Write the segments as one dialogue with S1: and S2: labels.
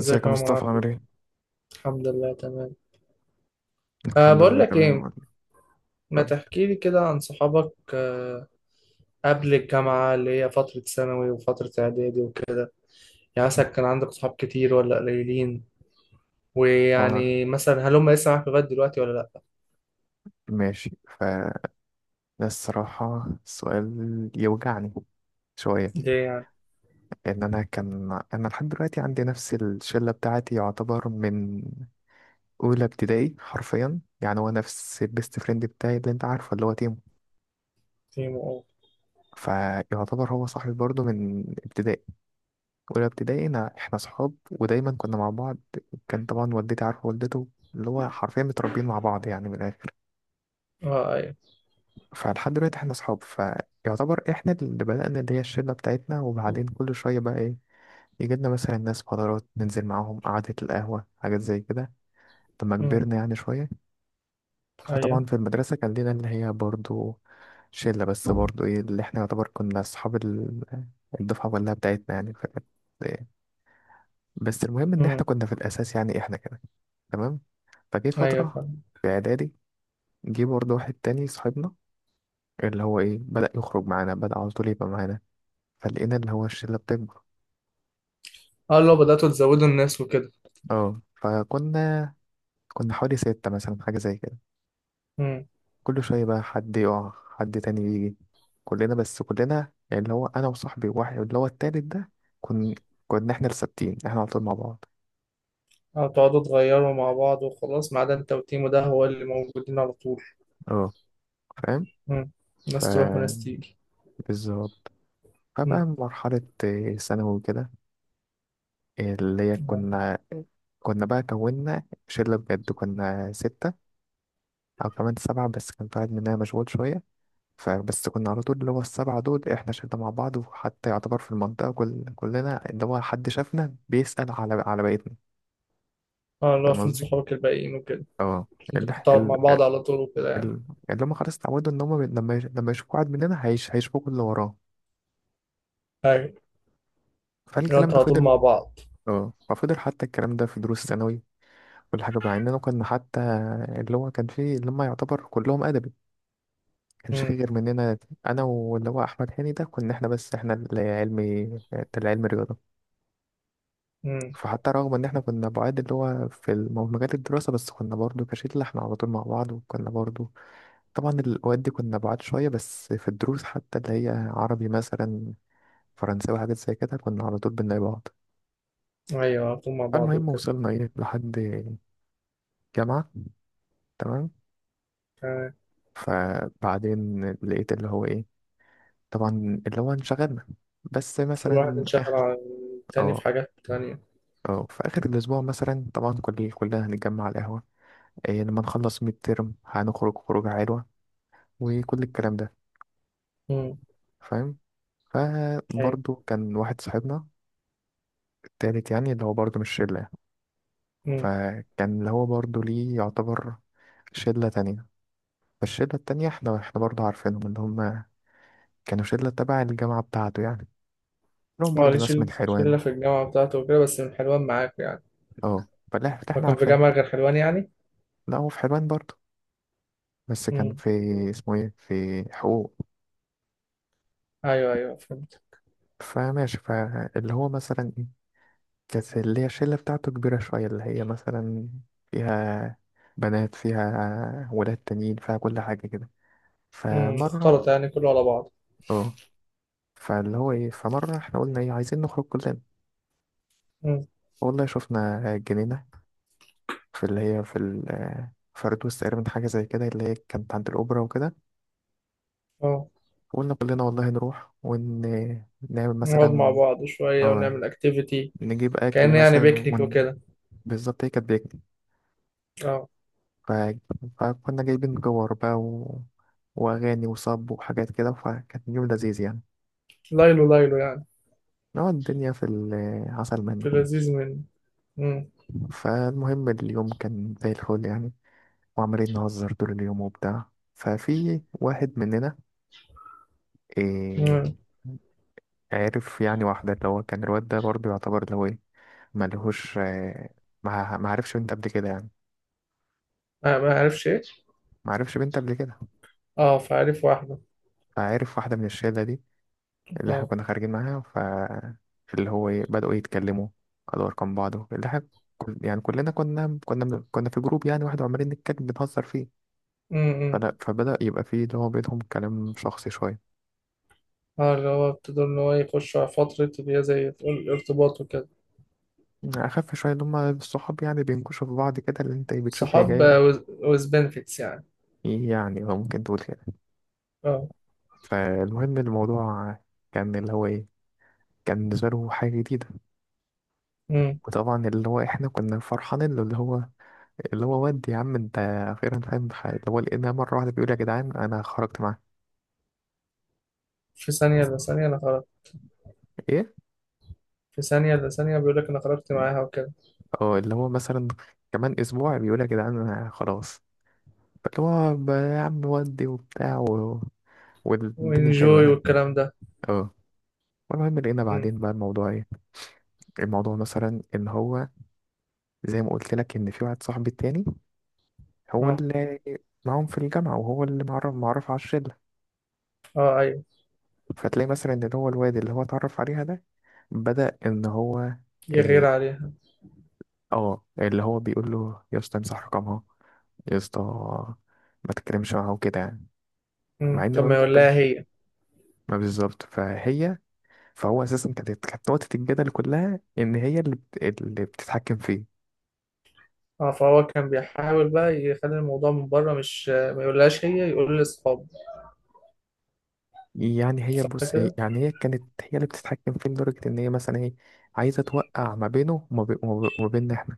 S1: ازيك يا
S2: يا عمر؟
S1: مصطفى؟
S2: عامل ايه؟
S1: عامل ايه؟
S2: الحمد لله تمام. أه،
S1: الحمد
S2: بقول
S1: لله
S2: لك
S1: تمام،
S2: ايه،
S1: يقول لي
S2: ما
S1: يقول لي
S2: تحكي لي كده عن صحابك؟ قبل الجامعة اللي هي فترة ثانوي وفترة اعدادي وكده، يعني مثلا كان عندك صحاب كتير ولا قليلين؟
S1: هو
S2: ويعني مثلا هل هم لسه معاك لغاية دلوقتي ولا لا؟
S1: ماشي. فده الصراحة السؤال يوجعني شوية.
S2: ليه يعني؟
S1: لأن أنا كان لحد دلوقتي عندي نفس الشلة بتاعتي، يعتبر من أولى ابتدائي حرفيا. يعني هو نفس البيست فريند بتاعي اللي أنت عارفه، اللي هو تيمو.
S2: تيم او.
S1: فيعتبر هو صاحبي برضه من ابتدائي، أولى ابتدائي. أنا إحنا صحاب ودايما كنا مع بعض. كان طبعا والدتي عارفة والدته، اللي هو حرفيا متربيين مع بعض يعني من الآخر.
S2: اه ايوه.
S1: فلحد دلوقتي احنا اصحاب. فيعتبر احنا اللي بدأنا اللي هي الشلة بتاعتنا. وبعدين كل شوية بقى ايه، يجي لنا مثلا ناس فترات، ننزل معاهم قعدة القهوة، حاجات زي كده، لما
S2: امم.
S1: كبرنا يعني شوية.
S2: ايوه.
S1: وطبعا في المدرسة كان لنا اللي هي برضو شلة، بس برضو ايه، اللي احنا يعتبر كنا اصحاب الدفعة كلها بتاعتنا يعني. فكانت إيه. بس المهم ان احنا
S2: امم.
S1: كنا في الاساس يعني احنا كده، تمام. فجه
S2: ايوه،
S1: فترة
S2: فاهم.
S1: في اعدادي، جه برضو واحد تاني صاحبنا، اللي هو ايه، بدأ يخرج معانا، بدأ على طول يبقى معانا. فلقينا اللي هو الشلة بتكبر.
S2: اه، لو بدأتوا تزودوا الناس وكده.
S1: اه فكنا، كنا حوالي ستة مثلا، حاجة زي كده.
S2: امم.
S1: كل شوية بقى حد يقع، حد تاني يجي. كلنا بس كلنا يعني اللي هو أنا وصاحبي واحد اللي هو التالت ده، كن كنا احنا الثابتين، احنا على طول مع بعض.
S2: او تقعدوا تغيروا مع بعض وخلاص، ما عدا انت وتيمو ده هو اللي موجودين على طول.
S1: اه، فاهم.
S2: امم،
S1: ف
S2: ناس تروح وناس تيجي.
S1: بالظبط. فبقى مرحلة ثانوي كده. اللي هي
S2: امم.
S1: كنا، كنا بقى كونا شلة بجد، كنا ستة أو كمان سبعة، بس كان في واحد مننا مشغول شوية. فبس كنا على طول اللي هو السبعة دول احنا شلنا مع بعض. وحتى يعتبر في المنطقة كلنا اللي هو حد شافنا بيسأل على بقيتنا.
S2: اه، اللي هو
S1: فاهم
S2: فين
S1: قصدي؟
S2: صحابك الباقيين وكده.
S1: اه.
S2: انتوا
S1: اللي
S2: بتقعد مع بعض على طول وكده يعني.
S1: ال- اللي هم خلاص اتعودوا ان هم لما يشوفوا واحد مننا هيشوفوا اللي وراه.
S2: ايوه، لو
S1: فالكلام
S2: انتوا
S1: ده
S2: على طول
S1: فضل.
S2: مع بعض.
S1: اه، ففضل حتى الكلام ده في دروس الثانوي، كل حاجة. مع اننا كنا حتى اللي هو كان فيه اللي هم يعتبر كلهم أدبي، كانش فيه
S2: امم.
S1: غير مننا انا واللي هو احمد هاني ده. كنا احنا بس احنا اللي علمي، اللي علمي رياضة.
S2: امم.
S1: فحتى رغم ان احنا كنا بعاد اللي هو في مجال الدراسة، بس كنا برضو كشلة احنا على طول مع بعض. وكنا برضو طبعا الاوقات دي كنا بعاد شوية، بس في الدروس حتى اللي هي عربي مثلا، فرنساوي، حاجات زي كده كنا على طول بنلاقي بعض.
S2: ايوه، على طول مع بعض
S1: فالمهم
S2: وكده.
S1: وصلنا ايه لحد جامعة، تمام.
S2: تمام.
S1: فبعدين لقيت اللي هو ايه، طبعا اللي هو انشغلنا، بس
S2: كل واحد
S1: مثلا
S2: انشغل
S1: اخر.
S2: عن التاني في
S1: اه
S2: حاجات تانية.
S1: اه، في اخر الاسبوع مثلا طبعا كلنا هنتجمع على القهوة، إيه، لما نخلص ميد ترم هنخرج خروجة حلوة، وكل الكلام ده.
S2: امم.
S1: فاهم.
S2: ايوه.
S1: فبرضه كان واحد صاحبنا التالت يعني، اللي هو برضه مش شلة يعني.
S2: امم.
S1: فكان اللي هو برضه ليه يعتبر شلة تانية. فالشلة التانية احنا، برضه عارفينهم، اللي هم كانوا شلة تبع الجامعة بتاعته يعني، لهم
S2: اه، ليه
S1: برضه ناس من
S2: شلة
S1: حلوان.
S2: في الجامعة بتاعته وكده، بس من حلوان معاك يعني؟
S1: اه، فلا
S2: هو
S1: احنا
S2: كان في
S1: عارفينهم.
S2: جامعة غير حلوان يعني؟
S1: لا، هو في حلوان برضه، بس كان
S2: امم.
S1: في اسمه ايه، في حقوق.
S2: ايوه ايوه، فهمت.
S1: فماشي. فاللي هو مثلا ايه، كانت اللي هي الشلة بتاعته كبيرة شوية، اللي هي مثلا فيها بنات، فيها ولاد تانيين، فيها كل حاجة كده.
S2: امم،
S1: فمرة،
S2: اختلط يعني كله على بعض.
S1: اه، فاللي هو ايه، فمرة احنا قلنا ايه عايزين نخرج كلنا.
S2: امم.
S1: والله شفنا جنينة في اللي هي في ال فردوس تقريبا، حاجة زي كده، اللي هي كانت عند الأوبرا وكده.
S2: اه،
S1: وقلنا كلنا والله نروح ونعمل
S2: نقعد مع
S1: مثلا،
S2: بعض شوية
S1: اه،
S2: ونعمل اكتيفيتي.
S1: نجيب أكل
S2: كأن يعني
S1: مثلا
S2: بيكنيك
S1: ون...
S2: وكده.
S1: بالظبط، هي كانت بيك.
S2: اه،
S1: ف... فكنا جايبين جوار بقى و... وأغاني وصب وحاجات كده، فكان يوم لذيذ يعني،
S2: ليلو ليلو يعني.
S1: نقعد الدنيا في العسل منه.
S2: في لذيذ منه. امم.
S1: فالمهم اليوم كان زي الفل يعني، وعمالين نهزر طول اليوم وبتاع. ففي واحد مننا إيه،
S2: امم.
S1: عرف يعني واحدة. اللي هو كان الواد ده برضه يعتبر اللي هو ايه، ملهوش، ما عرفش بنت قبل كده يعني.
S2: ما عارفش ايه؟
S1: ما عرفش بنت قبل كده.
S2: اه، فعارف واحدة.
S1: فعرف واحدة من الشلة دي اللي احنا
S2: اه.
S1: كنا خارجين معاها. ف اللي هو ايه، بدأوا يتكلموا، خدوا ارقام بعض. اللي احنا كل... يعني كلنا كنا من... كنا في جروب يعني واحد، وعمالين نتكلم بنهزر فيه.
S2: امم.
S1: فلا، فبدأ يبقى فيه اللي هو بينهم كلام شخصي شوية،
S2: اه، اللي هو ابتدوا ان هو يخشوا على فترة اللي هي زي تقول ارتباط وكده.
S1: أخف شوية، اللي هما الصحاب يعني بينكشوا في بعض كده، اللي أنت إيه، بتشوف هي
S2: صحاب
S1: جاية.
S2: وز بنفيتس يعني.
S1: إيه يعني، هو ممكن تقول كده.
S2: اه.
S1: فالمهم الموضوع كان اللي هو إيه، كان بالنسبة له حاجة جديدة.
S2: امم.
S1: وطبعا اللي هو إحنا كنا فرحانين له، اللي هو اللي هو ودي يا عم انت اخيرا فاهم في حاجة. اللي هو لقينا مرة واحدة بيقول يا جدعان انا خرجت معاه.
S2: في ثانية الا ثانية انا خرجت.
S1: ايه،
S2: في ثانية الا ثانية بيقول لك انا خرجت معاها وكده.
S1: اه، اللي هو مثلا كمان اسبوع بيقول يا جدعان انا خلاص، اللي هو يا عم ودي وبتاع و... والدنيا حلوة
S2: وانجوي
S1: يعني.
S2: والكلام ده.
S1: اه. المهم لقينا
S2: امم.
S1: بعدين بقى الموضوع ايه، الموضوع مثلا ان هو زي ما قلت لك ان في واحد صاحبي التاني، هو
S2: اه.
S1: اللي معاهم في الجامعة، وهو اللي معرف على الشلة.
S2: اه ايوه،
S1: فتلاقي مثلا ان هو الواد اللي هو اتعرف عليها ده بدأ ان هو
S2: يغير
S1: آه،
S2: عليها.
S1: اه، اللي هو بيقول له يا اسطى امسح رقمها، يا اسطى ما تتكلمش معاها وكده يعني. مع
S2: امم،
S1: ان
S2: طب ما
S1: مامتها ما
S2: يقول لها
S1: كانش،
S2: هي.
S1: ما بالظبط، فهي، فهو اساسا كانت، نقطة الجدل كلها ان هي اللي بت... اللي بتتحكم فيه.
S2: اه، فهو كان بيحاول بقى يخلي الموضوع من بره، مش ما يقولهاش هي، يقول لاصحابه.
S1: يعني هي،
S2: صح
S1: بص، هي
S2: كده.
S1: يعني هي كانت هي اللي بتتحكم فيه، لدرجة ان هي مثلا ايه، عايزة توقع ما بينه وما بيننا احنا.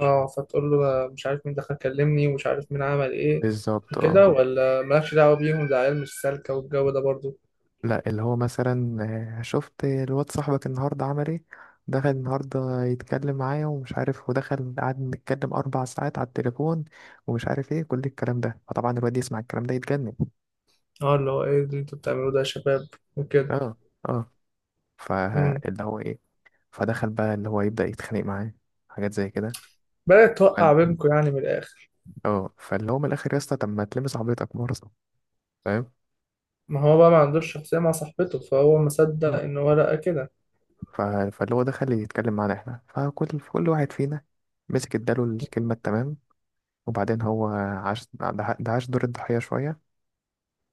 S2: اه، فتقول له ده مش عارف مين دخل كلمني، ومش عارف مين عمل ايه
S1: بالظبط، اه.
S2: وكده، ولا مالكش دعوة بيهم ده عيال مش سالكة والجو ده برضو.
S1: لا، اللي هو مثلا، شفت الواد صاحبك النهارده عمل ايه، دخل النهارده يتكلم معايا ومش عارف، ودخل قعد نتكلم 4 ساعات على التليفون، ومش عارف ايه كل الكلام ده. فطبعا الواد يسمع الكلام ده يتجنن.
S2: اه، اللي هو ايه اللي انتوا بتعملوه ده يا شباب وكده.
S1: اه اه.
S2: امم.
S1: فاللي هو ايه، فدخل بقى اللي هو يبدأ يتخانق معاه، حاجات زي كده.
S2: بدأت
S1: فال-
S2: توقع بينكم يعني من الآخر.
S1: اه، فاللي هو من الاخر يا اسطى، طب ما تلمس عربيتك مرة. فاهم.
S2: ما هو بقى ما عندوش شخصية مع صاحبته، فهو ما صدق
S1: اه.
S2: إن هو لقى كده.
S1: ف- فاللي هو دخل يتكلم معانا احنا، فكل واحد فينا مسك اداله الكلمة التمام. وبعدين هو عاش ده، ده عاش دور الضحية شوية.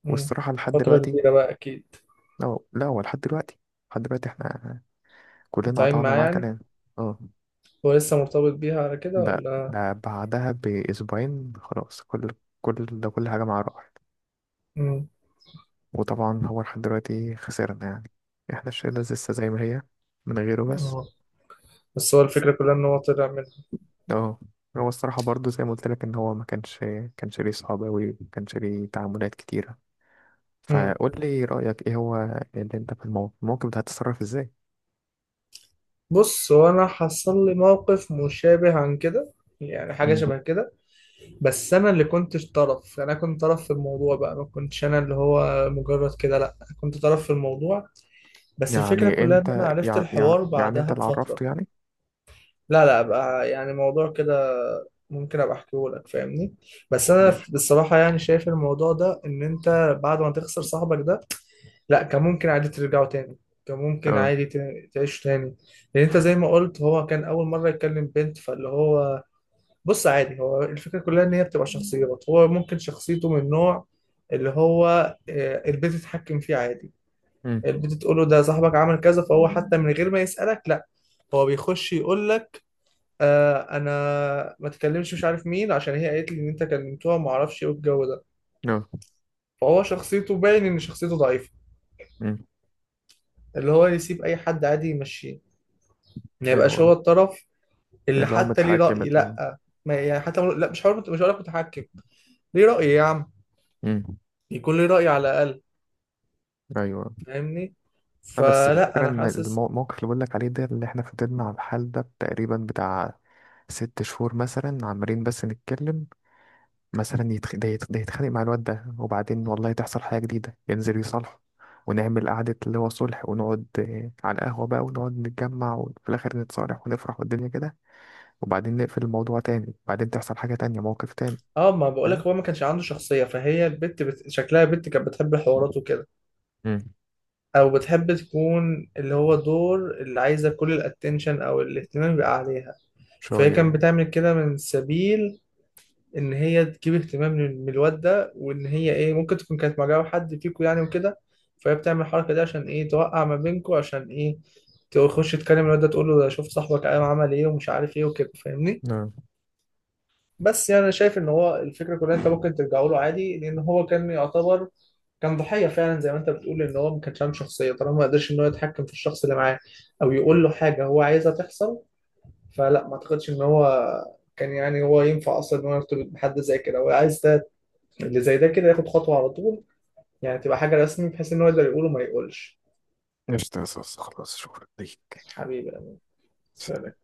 S2: امم،
S1: والصراحة لحد
S2: فترة
S1: دلوقتي،
S2: كبيرة بقى أكيد.
S1: لا هو لحد دلوقتي، لحد دلوقتي احنا كلنا
S2: قاطعين
S1: قطعنا
S2: معاه
S1: معاه
S2: يعني.
S1: كلام. اه.
S2: هو لسه مرتبط بيها على كده
S1: ده
S2: ولا؟
S1: بعدها بأسبوعين خلاص، كل كل ده كل حاجة معاه راحت.
S2: امم.
S1: وطبعا هو لحد دلوقتي خسرنا يعني، احنا الشلة لسه زي ما هي من غيره بس.
S2: اه. بس هو
S1: بس-
S2: الفكرة كلها إن هو طلع منها.
S1: اه، هو الصراحة برضو زي ما قلت لك ان هو ما كانش، كانش ليه صحاب أوي، ما كانش ليه تعاملات كتيرة.
S2: امم.
S1: فقول لي رأيك ايه، هو اللي انت في الموقف ده هتتصرف ازاي؟
S2: بص، هو انا حصل لي موقف مشابه عن كده، يعني حاجه
S1: مم.
S2: شبه كده. بس انا اللي كنت طرف، انا كنت طرف في الموضوع بقى، ما كنتش انا اللي هو مجرد كده، لا كنت طرف في الموضوع. بس الفكره
S1: يعني
S2: كلها ان
S1: انت،
S2: انا عرفت
S1: يعني يعني,
S2: الحوار
S1: يعني انت
S2: بعدها
S1: اللي
S2: بفتره.
S1: عرفته يعني.
S2: لا لا، بقى يعني موضوع كده، ممكن ابقى احكيه لك، فاهمني. بس انا
S1: ماشي.
S2: بصراحه يعني شايف الموضوع ده ان انت بعد ما تخسر صاحبك ده، لا كان ممكن عادي ترجعوا تاني، كان ممكن
S1: اه.
S2: عادي تعيشوا تاني. لان انت زي ما قلت، هو كان اول مره يكلم بنت، فاللي هو، بص عادي هو الفكره كلها ان هي بتبقى شخصيات. هو ممكن شخصيته من نوع اللي هو البنت تتحكم فيه عادي.
S1: مم.
S2: البنت تقول له ده صاحبك عمل كذا، فهو حتى من غير ما يسالك، لا هو بيخش يقول لك آه انا ما تكلمش مش عارف مين، عشان هي قالت لي ان انت كلمتوها، ما اعرفش ايه الجو ده.
S1: اه.
S2: فهو شخصيته باين ان شخصيته ضعيفه،
S1: مم.
S2: اللي هو يسيب اي حد عادي يمشيه، ما
S1: حلو
S2: يبقاش هو
S1: أوي.
S2: الطرف اللي
S1: اللي هو
S2: حتى ليه
S1: متحكم،
S2: رأي.
S1: اللي هو.
S2: لا، ما يعني حتى لا، مش هقول لك متحكم، ليه رأي يا عم،
S1: مم.
S2: يكون ليه رأي على الأقل،
S1: ايوه.
S2: فاهمني.
S1: اه بس
S2: فلا
S1: الفكره
S2: انا
S1: ان
S2: حاسس.
S1: الموقف اللي بقول لك عليه ده، اللي احنا فضلنا على الحال ده تقريبا بتاع 6 شهور مثلا، عمالين بس نتكلم. مثلا يتخ... ده يتخانق مع الواد ده، وبعدين والله تحصل حاجه جديده ينزل يصالحه، ونعمل قعدة اللي هو صلح، ونقعد على القهوة بقى، ونقعد نتجمع، وفي الآخر نتصالح ونفرح والدنيا كده. وبعدين نقفل الموضوع تاني، وبعدين تحصل حاجة تانية، موقف تاني.
S2: اه، ما بقولك
S1: فاهم.
S2: هو ما كانش عنده شخصية، فهي البت شكلها بنت كانت بتحب الحوارات وكده،
S1: مم.
S2: او بتحب تكون اللي هو دور اللي عايزة كل الاتنشن، او الاهتمام يبقى عليها. فهي
S1: شوية.
S2: كانت بتعمل كده من سبيل ان هي تجيب اهتمام من الواد ده، وان هي ايه ممكن تكون كانت معجبه حد فيكوا يعني وكده. فهي بتعمل الحركه دي عشان ايه توقع ما بينكوا، عشان ايه تخش تكلم الواد ده تقول له ده شوف صاحبك قام عمل ايه ومش عارف ايه وكده، فاهمني.
S1: نعم.
S2: بس يعني انا شايف ان هو الفكره كلها انت ممكن ترجعوا له عادي، لان هو كان يعتبر كان ضحيه فعلا زي ما انت بتقول، ان هو ما كانش عنده شخصيه طالما ما قدرش ان هو يتحكم في الشخص اللي معاه، او يقول له حاجه هو عايزها تحصل. فلا ما اعتقدش ان هو كان، يعني هو ينفع اصلا ان هو يرتبط بحد زي كده؟ هو عايز ده اللي زي ده، كده ياخد خطوة على طول، يعني تبقى حاجة رسمي بحيث إن هو يقدر يقول وما يقولش.
S1: قشطة يا صوص، خلاص شكرا ليك.
S2: حبيبي، سلام.